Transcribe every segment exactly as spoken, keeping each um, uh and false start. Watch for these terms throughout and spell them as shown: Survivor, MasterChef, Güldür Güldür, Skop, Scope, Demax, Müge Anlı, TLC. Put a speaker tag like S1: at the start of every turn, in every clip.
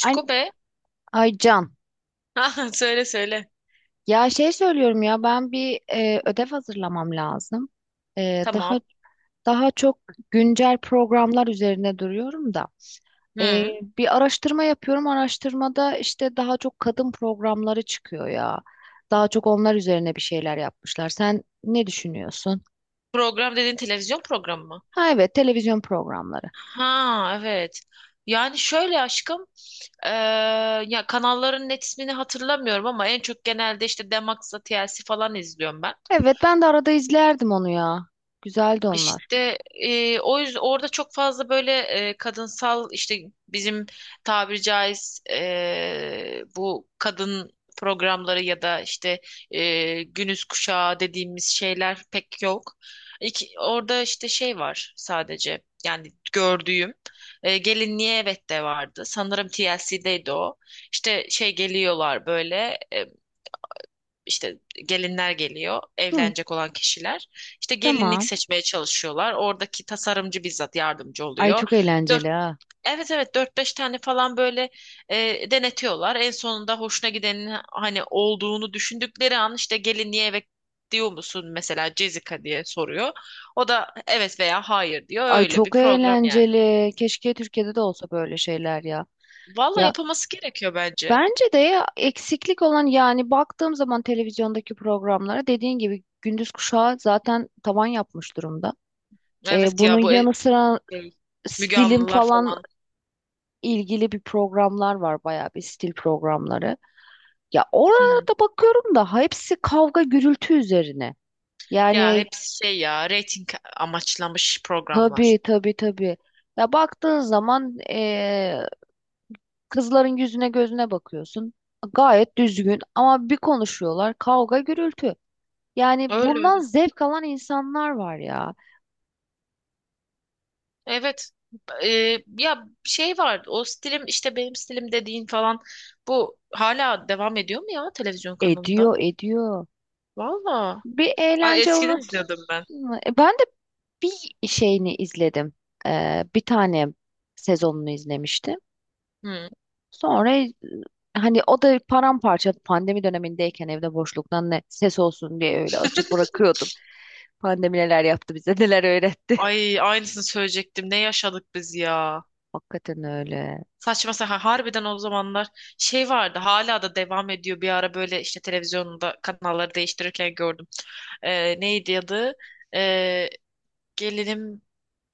S1: Ay,
S2: be.
S1: ay Can.
S2: Ha, söyle söyle.
S1: Ya şey söylüyorum ya ben bir e, ödev hazırlamam lazım. E, daha
S2: Tamam.
S1: daha çok güncel programlar üzerine duruyorum da. E,
S2: Hı.
S1: Bir araştırma yapıyorum. Araştırmada işte daha çok kadın programları çıkıyor ya. Daha çok onlar üzerine bir şeyler yapmışlar. Sen ne düşünüyorsun?
S2: Program dediğin televizyon programı mı?
S1: Ha evet televizyon programları.
S2: Ha, evet. Yani şöyle aşkım, eee, ya kanalların net ismini hatırlamıyorum ama en çok genelde işte Demax'la T L C falan izliyorum ben.
S1: Evet ben de arada izlerdim onu ya. Güzeldi onlar.
S2: İşte e, o yüzden orada çok fazla böyle e, kadınsal işte bizim tabiri caiz e, bu kadın programları ya da işte e, günüz kuşağı dediğimiz şeyler pek yok. İki, orada işte şey var sadece yani gördüğüm e, gelinliğe evet de vardı. Sanırım T L C'deydi o. İşte şey geliyorlar böyle işte gelinler geliyor,
S1: Hı,
S2: evlenecek olan kişiler. İşte gelinlik
S1: tamam.
S2: seçmeye çalışıyorlar. Oradaki tasarımcı bizzat yardımcı
S1: Ay
S2: oluyor.
S1: çok
S2: Dört,
S1: eğlenceli ha.
S2: evet evet dört beş tane falan böyle e, denetiyorlar. En sonunda hoşuna gidenin hani olduğunu düşündükleri an işte gelinliğe eve diyor musun mesela Jessica diye soruyor. O da evet veya hayır diyor.
S1: Ay
S2: Öyle bir
S1: çok
S2: program yani.
S1: eğlenceli. Keşke Türkiye'de de olsa böyle şeyler ya.
S2: Valla
S1: Ya
S2: yapılması gerekiyor bence.
S1: bence de ya, eksiklik olan yani baktığım zaman televizyondaki programlara dediğin gibi gündüz kuşağı zaten tavan yapmış durumda. Ee,
S2: Evet,
S1: bunun
S2: ya bu e-
S1: yanı sıra
S2: şey, Müge
S1: stilin
S2: Anlılar
S1: falan
S2: falan.
S1: ilgili bir programlar var bayağı bir stil programları. Ya
S2: Hmm.
S1: orada bakıyorum da hepsi kavga gürültü üzerine.
S2: Ya
S1: Yani
S2: hepsi şey, ya reyting amaçlamış programlar.
S1: tabii, tabii, tabii. Ya baktığın zaman e, kızların yüzüne gözüne bakıyorsun. Gayet düzgün ama bir konuşuyorlar kavga gürültü. Yani
S2: Öyle öyle.
S1: bundan zevk alan insanlar var ya.
S2: Evet. Ee, ya şey var, o stilim işte benim stilim dediğin falan, bu hala devam ediyor mu ya televizyon kanalında?
S1: Ediyor ediyor.
S2: Valla.
S1: Bir
S2: Ay,
S1: eğlence
S2: eskiden
S1: alanı.
S2: izliyordum ben.
S1: E, ben de bir şeyini izledim. Ee, bir tane sezonunu izlemiştim.
S2: Hı.
S1: Sonra e, hani o da paramparça pandemi dönemindeyken evde boşluktan ne ses olsun diye öyle açıp bırakıyordum. Pandemi neler yaptı bize neler öğretti.
S2: Ay, aynısını söyleyecektim. Ne yaşadık biz ya.
S1: Hakikaten öyle.
S2: Saçma sapan harbiden o zamanlar şey vardı hala da devam ediyor, bir ara böyle işte televizyonda kanalları değiştirirken gördüm. Ee, neydi adı? Ee, Gelinim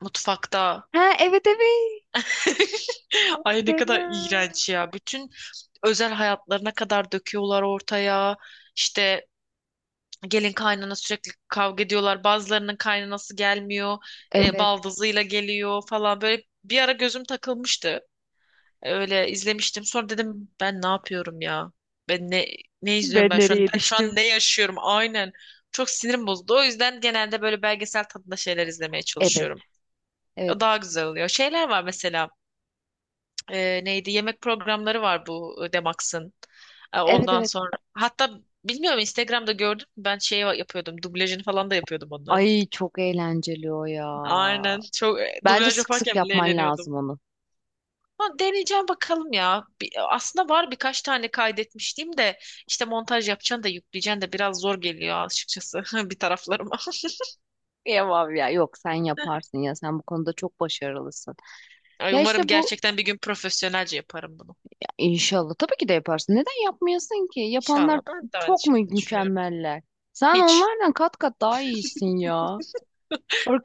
S2: mutfakta.
S1: Ha evet, evet. Çok
S2: Ay ne kadar
S1: fena.
S2: iğrenç ya. Bütün özel hayatlarına kadar döküyorlar ortaya. İşte gelin kaynana sürekli kavga ediyorlar. Bazılarının kaynanası gelmiyor. E,
S1: Evet.
S2: baldızıyla geliyor falan. Böyle bir ara gözüm takılmıştı. E, öyle izlemiştim. Sonra dedim ben ne yapıyorum ya? Ben ne ne izliyorum
S1: Ben
S2: ben şu an?
S1: nereye
S2: Ben şu an
S1: düştüm?
S2: ne yaşıyorum? Aynen. Çok sinirim bozuldu. O yüzden genelde böyle belgesel tadında şeyler izlemeye
S1: Evet.
S2: çalışıyorum.
S1: Evet.
S2: O daha güzel oluyor. Şeyler var mesela, e, neydi, yemek programları var bu e, Demax'ın. E,
S1: Evet,
S2: ondan
S1: evet.
S2: sonra hatta bilmiyorum, Instagram'da gördüm, ben şey yapıyordum, dublajını falan da yapıyordum onların.
S1: Ay çok eğlenceli o ya.
S2: Aynen, çok e,
S1: Bence
S2: dublaj
S1: sık sık
S2: yaparken bile
S1: yapman
S2: eğleniyordum.
S1: lazım onu.
S2: Ama deneyeceğim bakalım ya. Bir- aslında var, birkaç tane kaydetmiştim de işte montaj yapacaksın da yükleyeceksin de biraz zor geliyor açıkçası bir taraflarıma.
S1: Yapamam ya. Yok sen yaparsın ya. Sen bu konuda çok başarılısın.
S2: Ay,
S1: Ya
S2: umarım
S1: işte bu
S2: gerçekten bir gün profesyonelce yaparım bunu.
S1: ya inşallah tabii ki de yaparsın. Neden yapmıyorsun ki? Yapanlar
S2: İnşallah, ben de aynı
S1: çok mu
S2: şekilde düşünüyorum.
S1: mükemmeller? Sen
S2: Hiç.
S1: onlardan kat kat daha iyisin ya.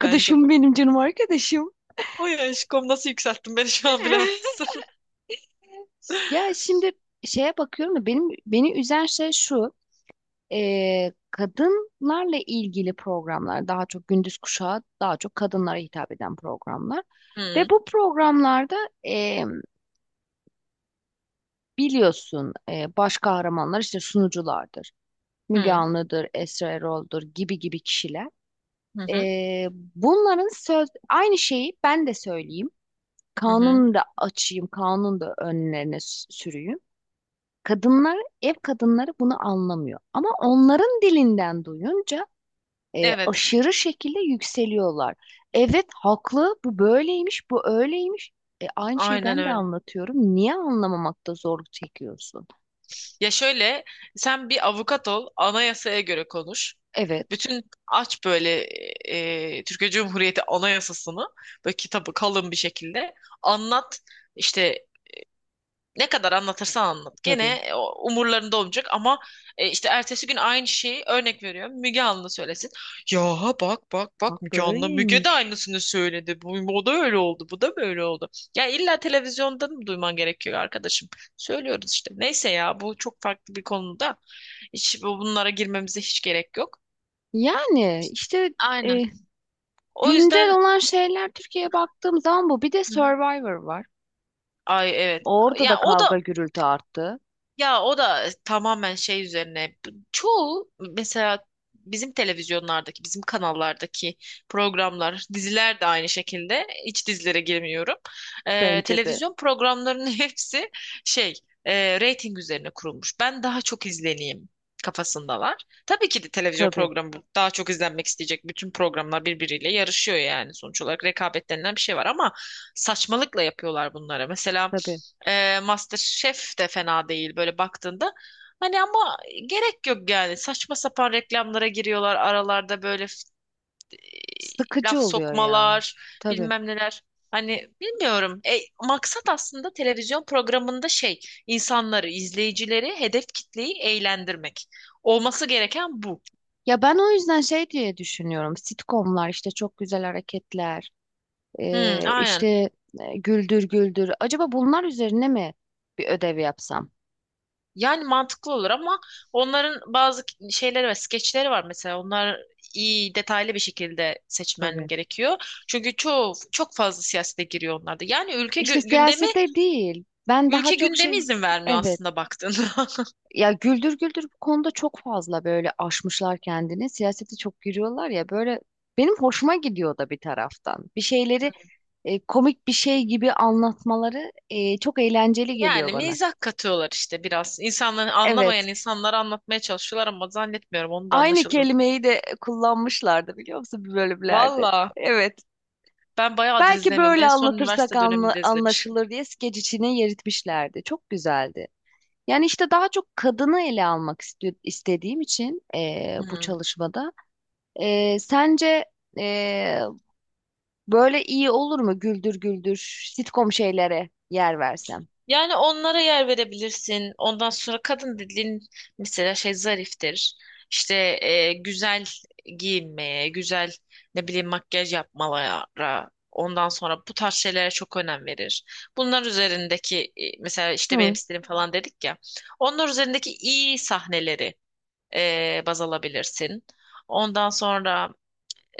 S2: Bence de.
S1: benim, canım arkadaşım.
S2: Oy aşkım, nasıl yükselttin beni şu an bilemezsin.
S1: Ya şimdi şeye bakıyorum da benim beni üzen şey şu: e, kadınlarla ilgili programlar daha çok gündüz kuşağı, daha çok kadınlara hitap eden programlar.
S2: Hı
S1: Ve bu programlarda e, biliyorsun e, baş kahramanlar işte sunuculardır. Müge
S2: hı,
S1: Anlı'dır, Esra Erol'dur gibi gibi kişiler.
S2: hı hı.
S1: E, bunların söz aynı şeyi ben de söyleyeyim.
S2: Hı hı.
S1: Kanunu da açayım, kanunu da önlerine s- sürüyüm. Kadınlar, ev kadınları bunu anlamıyor. Ama onların dilinden duyunca e,
S2: Evet,
S1: aşırı şekilde yükseliyorlar. Evet haklı, bu böyleymiş, bu öyleymiş. E, aynı şeyi
S2: aynen
S1: ben de
S2: öyle.
S1: anlatıyorum. Niye anlamamakta zorluk çekiyorsun?
S2: Ya şöyle, sen bir avukat ol, anayasaya göre konuş.
S1: Evet,
S2: Bütün aç böyle e, e, Türkiye Cumhuriyeti Anayasasını, böyle kitabı kalın bir şekilde anlat. İşte ne kadar anlatırsan anlat. Gene
S1: tabii.
S2: e, o umurlarında olmayacak ama e, işte ertesi gün aynı şeyi örnek veriyorum. Müge Anlı söylesin. Ya bak bak
S1: Bak
S2: bak, Müge Anlı. Müge de
S1: böyleymiş.
S2: aynısını söyledi. Bu, o da öyle oldu. Bu da böyle oldu. Ya illa televizyondan mı duyman gerekiyor arkadaşım? Söylüyoruz işte. Neyse ya, bu çok farklı bir konuda. Hiç bu- bunlara girmemize hiç gerek yok.
S1: Yani işte e,
S2: Aynen. O
S1: güncel
S2: yüzden
S1: olan şeyler Türkiye'ye baktığım zaman bu. Bir de
S2: hı hı.
S1: Survivor var.
S2: Ay evet.
S1: Orada da
S2: Ya o da,
S1: kavga gürültü arttı.
S2: ya o da tamamen şey üzerine. Çoğu mesela, bizim televizyonlardaki, bizim kanallardaki programlar, diziler de aynı şekilde. İç dizilere girmiyorum. Ee,
S1: Bence de.
S2: televizyon programlarının hepsi şey, e, reyting üzerine kurulmuş. Ben daha çok izleneyim kafasındalar. Tabii ki de televizyon
S1: Tabii,
S2: programı daha çok izlenmek isteyecek. Bütün programlar birbiriyle yarışıyor yani, sonuç olarak rekabet denilen bir şey var ama saçmalıkla yapıyorlar bunları. Mesela
S1: tabii.
S2: e, MasterChef de fena değil böyle baktığında. Hani ama gerek yok yani. Saçma sapan reklamlara giriyorlar aralarda böyle f- e,
S1: Sıkıcı
S2: laf
S1: oluyor ya.
S2: sokmalar,
S1: Tabii.
S2: bilmem neler. Hani bilmiyorum. E, maksat aslında televizyon programında şey, insanları, izleyicileri, hedef kitleyi eğlendirmek. Olması gereken bu.
S1: Ya ben o yüzden şey diye düşünüyorum. Sitcomlar işte çok güzel hareketler,
S2: Hmm,
S1: e,
S2: aynen.
S1: işte e, güldür güldür. Acaba bunlar üzerine mi bir ödev yapsam?
S2: Yani mantıklı olur ama onların bazı şeyleri ve skeçleri var mesela. Onlar iyi detaylı bir şekilde seçmen
S1: Tabii.
S2: gerekiyor. Çünkü çok çok fazla siyasete giriyor onlarda. Yani ülke
S1: İşte
S2: gü- gündemi,
S1: siyasete değil. Ben daha
S2: ülke
S1: çok
S2: gündemi
S1: şey...
S2: izin vermiyor
S1: Evet.
S2: aslında baktığında.
S1: Ya güldür güldür bu konuda çok fazla böyle aşmışlar kendini. Siyasete çok giriyorlar ya böyle, benim hoşuma gidiyor da bir taraftan. Bir şeyleri e, komik bir şey gibi anlatmaları e, çok eğlenceli geliyor
S2: Yani
S1: bana.
S2: mizah katıyorlar işte biraz. İnsanları
S1: Evet.
S2: anlamayan insanlara anlatmaya çalışıyorlar ama zannetmiyorum onu da
S1: Aynı
S2: anlaşıldığını.
S1: kelimeyi de kullanmışlardı biliyor musun bir bölümlerde.
S2: Valla
S1: Evet.
S2: ben bayağıdır
S1: Belki
S2: izlemiyorum.
S1: böyle
S2: En son
S1: anlatırsak
S2: üniversite
S1: anla-
S2: döneminde izlemiştim.
S1: anlaşılır diye skeç içine yeritmişlerdi. Çok güzeldi. Yani işte daha çok kadını ele almak isti- istediğim için eee, bu
S2: Hmm.
S1: çalışmada. Eee, sence eee, böyle iyi olur mu güldür güldür sitcom şeylere yer versem?
S2: Yani onlara yer verebilirsin. Ondan sonra kadın dediğin, mesela şey, zariftir. İşte e, güzel giyinmeye, güzel, ne bileyim, makyaj yapmalara, ondan sonra bu tarz şeylere çok önem verir. Bunlar üzerindeki e, mesela işte benim
S1: Hı,
S2: stilim falan dedik ya. Onlar üzerindeki iyi sahneleri e, baz alabilirsin. Ondan sonra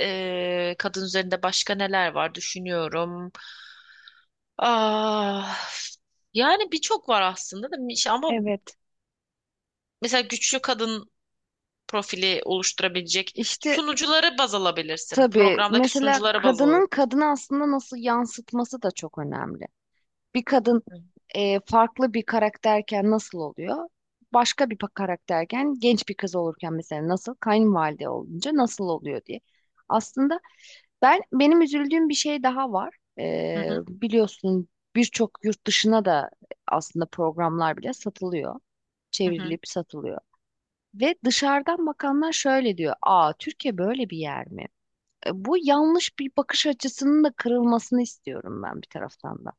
S2: e, kadın üzerinde başka neler var düşünüyorum. Ah, yani birçok var aslında da, İşte ama
S1: evet.
S2: mesela güçlü kadın profili oluşturabilecek
S1: İşte
S2: sunucuları baz alabilirsin.
S1: tabii,
S2: Programdaki
S1: mesela
S2: sunucuları baz
S1: kadının
S2: alabilirsin.
S1: kadını aslında nasıl yansıtması da çok önemli. Bir kadın
S2: Hı
S1: e, farklı bir karakterken nasıl oluyor? Başka bir pa- karakterken, genç bir kız olurken mesela nasıl? Kayınvalide olunca nasıl oluyor diye. Aslında ben benim üzüldüğüm bir şey daha var. E,
S2: hı,
S1: biliyorsun, birçok yurt dışına da aslında programlar bile satılıyor.
S2: hı hı.
S1: Çevrilip satılıyor. Ve dışarıdan bakanlar şöyle diyor: aa, Türkiye böyle bir yer mi? E, bu yanlış bir bakış açısının da kırılmasını istiyorum ben bir taraftan da.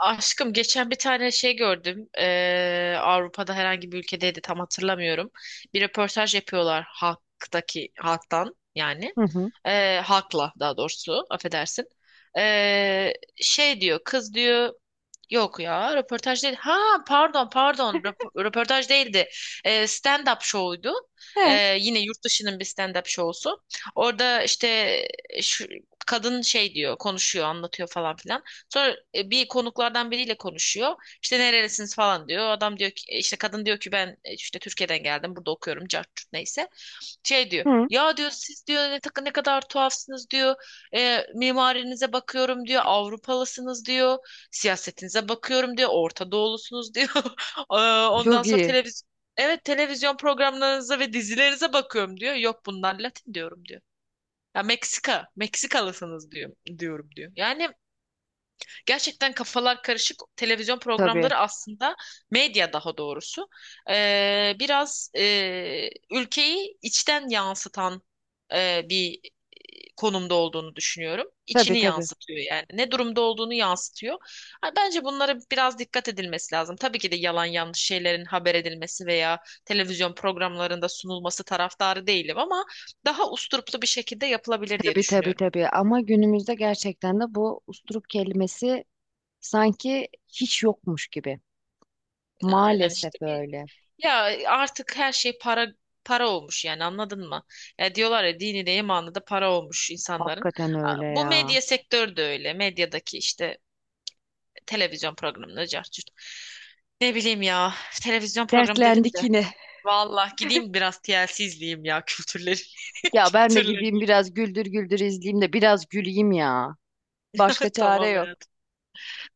S2: Aşkım, geçen bir tane şey gördüm. Ee, Avrupa'da herhangi bir ülkedeydi, tam hatırlamıyorum. Bir röportaj yapıyorlar halktaki, halktan yani.
S1: Hı hı.
S2: Ee, halkla daha doğrusu, affedersin. Ee, şey diyor kız, diyor, yok ya röportaj değil. Ha, pardon pardon, röp- röportaj değildi. Ee, stand-up show'ydu.
S1: He.
S2: Ee, yine yurt dışının bir stand-up show'su. Orada işte şu, kadın şey diyor, konuşuyor, anlatıyor falan filan. Sonra e, bir konuklardan biriyle konuşuyor. İşte nerelisiniz falan diyor. Adam diyor ki, işte kadın diyor ki ben e, işte Türkiye'den geldim, burada okuyorum, cart curt neyse. Şey diyor,
S1: Hı.
S2: ya diyor siz diyor ne, tak- ne kadar tuhafsınız diyor. "E, mimarinize bakıyorum diyor, Avrupalısınız diyor, siyasetinize bakıyorum diyor, Orta Doğulusunuz diyor. Ee, ondan
S1: Çok
S2: sonra
S1: iyi.
S2: televiz. evet, televizyon programlarınıza ve dizilerinize bakıyorum diyor, yok bunlar Latin diyorum diyor, ya Meksika, Meksikalısınız diyor, diyorum diyor, yani. Gerçekten kafalar karışık televizyon
S1: Tabii.
S2: programları, aslında medya daha doğrusu, eee, biraz eee, ülkeyi içten yansıtan eee, bir konumda olduğunu düşünüyorum.
S1: Tabii,
S2: İçini
S1: tabii.
S2: yansıtıyor yani, ne durumda olduğunu yansıtıyor. Ha, bence bunlara biraz dikkat edilmesi lazım. Tabii ki de yalan yanlış şeylerin haber edilmesi veya televizyon programlarında sunulması taraftarı değilim ama daha usturuplu bir şekilde yapılabilir diye
S1: Tabii, tabii,
S2: düşünüyorum.
S1: tabii. Ama günümüzde gerçekten de bu usturuk kelimesi sanki hiç yokmuş gibi.
S2: Aynen
S1: Maalesef
S2: işte bir,
S1: öyle.
S2: ya artık her şey para, para olmuş yani, anladın mı? Ya diyorlar ya, dini de imanı da para olmuş insanların.
S1: Hakikaten
S2: A-
S1: öyle
S2: Bu
S1: ya.
S2: medya sektörü de öyle. Medyadaki işte televizyon programları cart, ne bileyim ya, televizyon programı dedim
S1: Dertlendik
S2: de.
S1: yine.
S2: Vallahi gideyim biraz T L C izleyeyim ya kültürleri.
S1: Ya ben de gideyim
S2: Kültürleneyim.
S1: biraz güldür güldür izleyeyim de biraz güleyim ya. Başka çare
S2: Tamam
S1: yok.
S2: hayatım.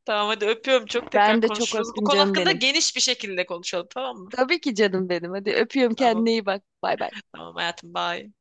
S2: Tamam hadi, öpüyorum, çok
S1: Ben
S2: tekrar
S1: de çok
S2: konuşuruz. Bu
S1: öptüm
S2: konu
S1: canım
S2: hakkında
S1: benim.
S2: geniş bir şekilde konuşalım, tamam mı?
S1: Tabii ki canım benim. Hadi öpüyorum, kendine
S2: Tamam.
S1: iyi bak. Bay bay.
S2: Tamam hayatım, bye.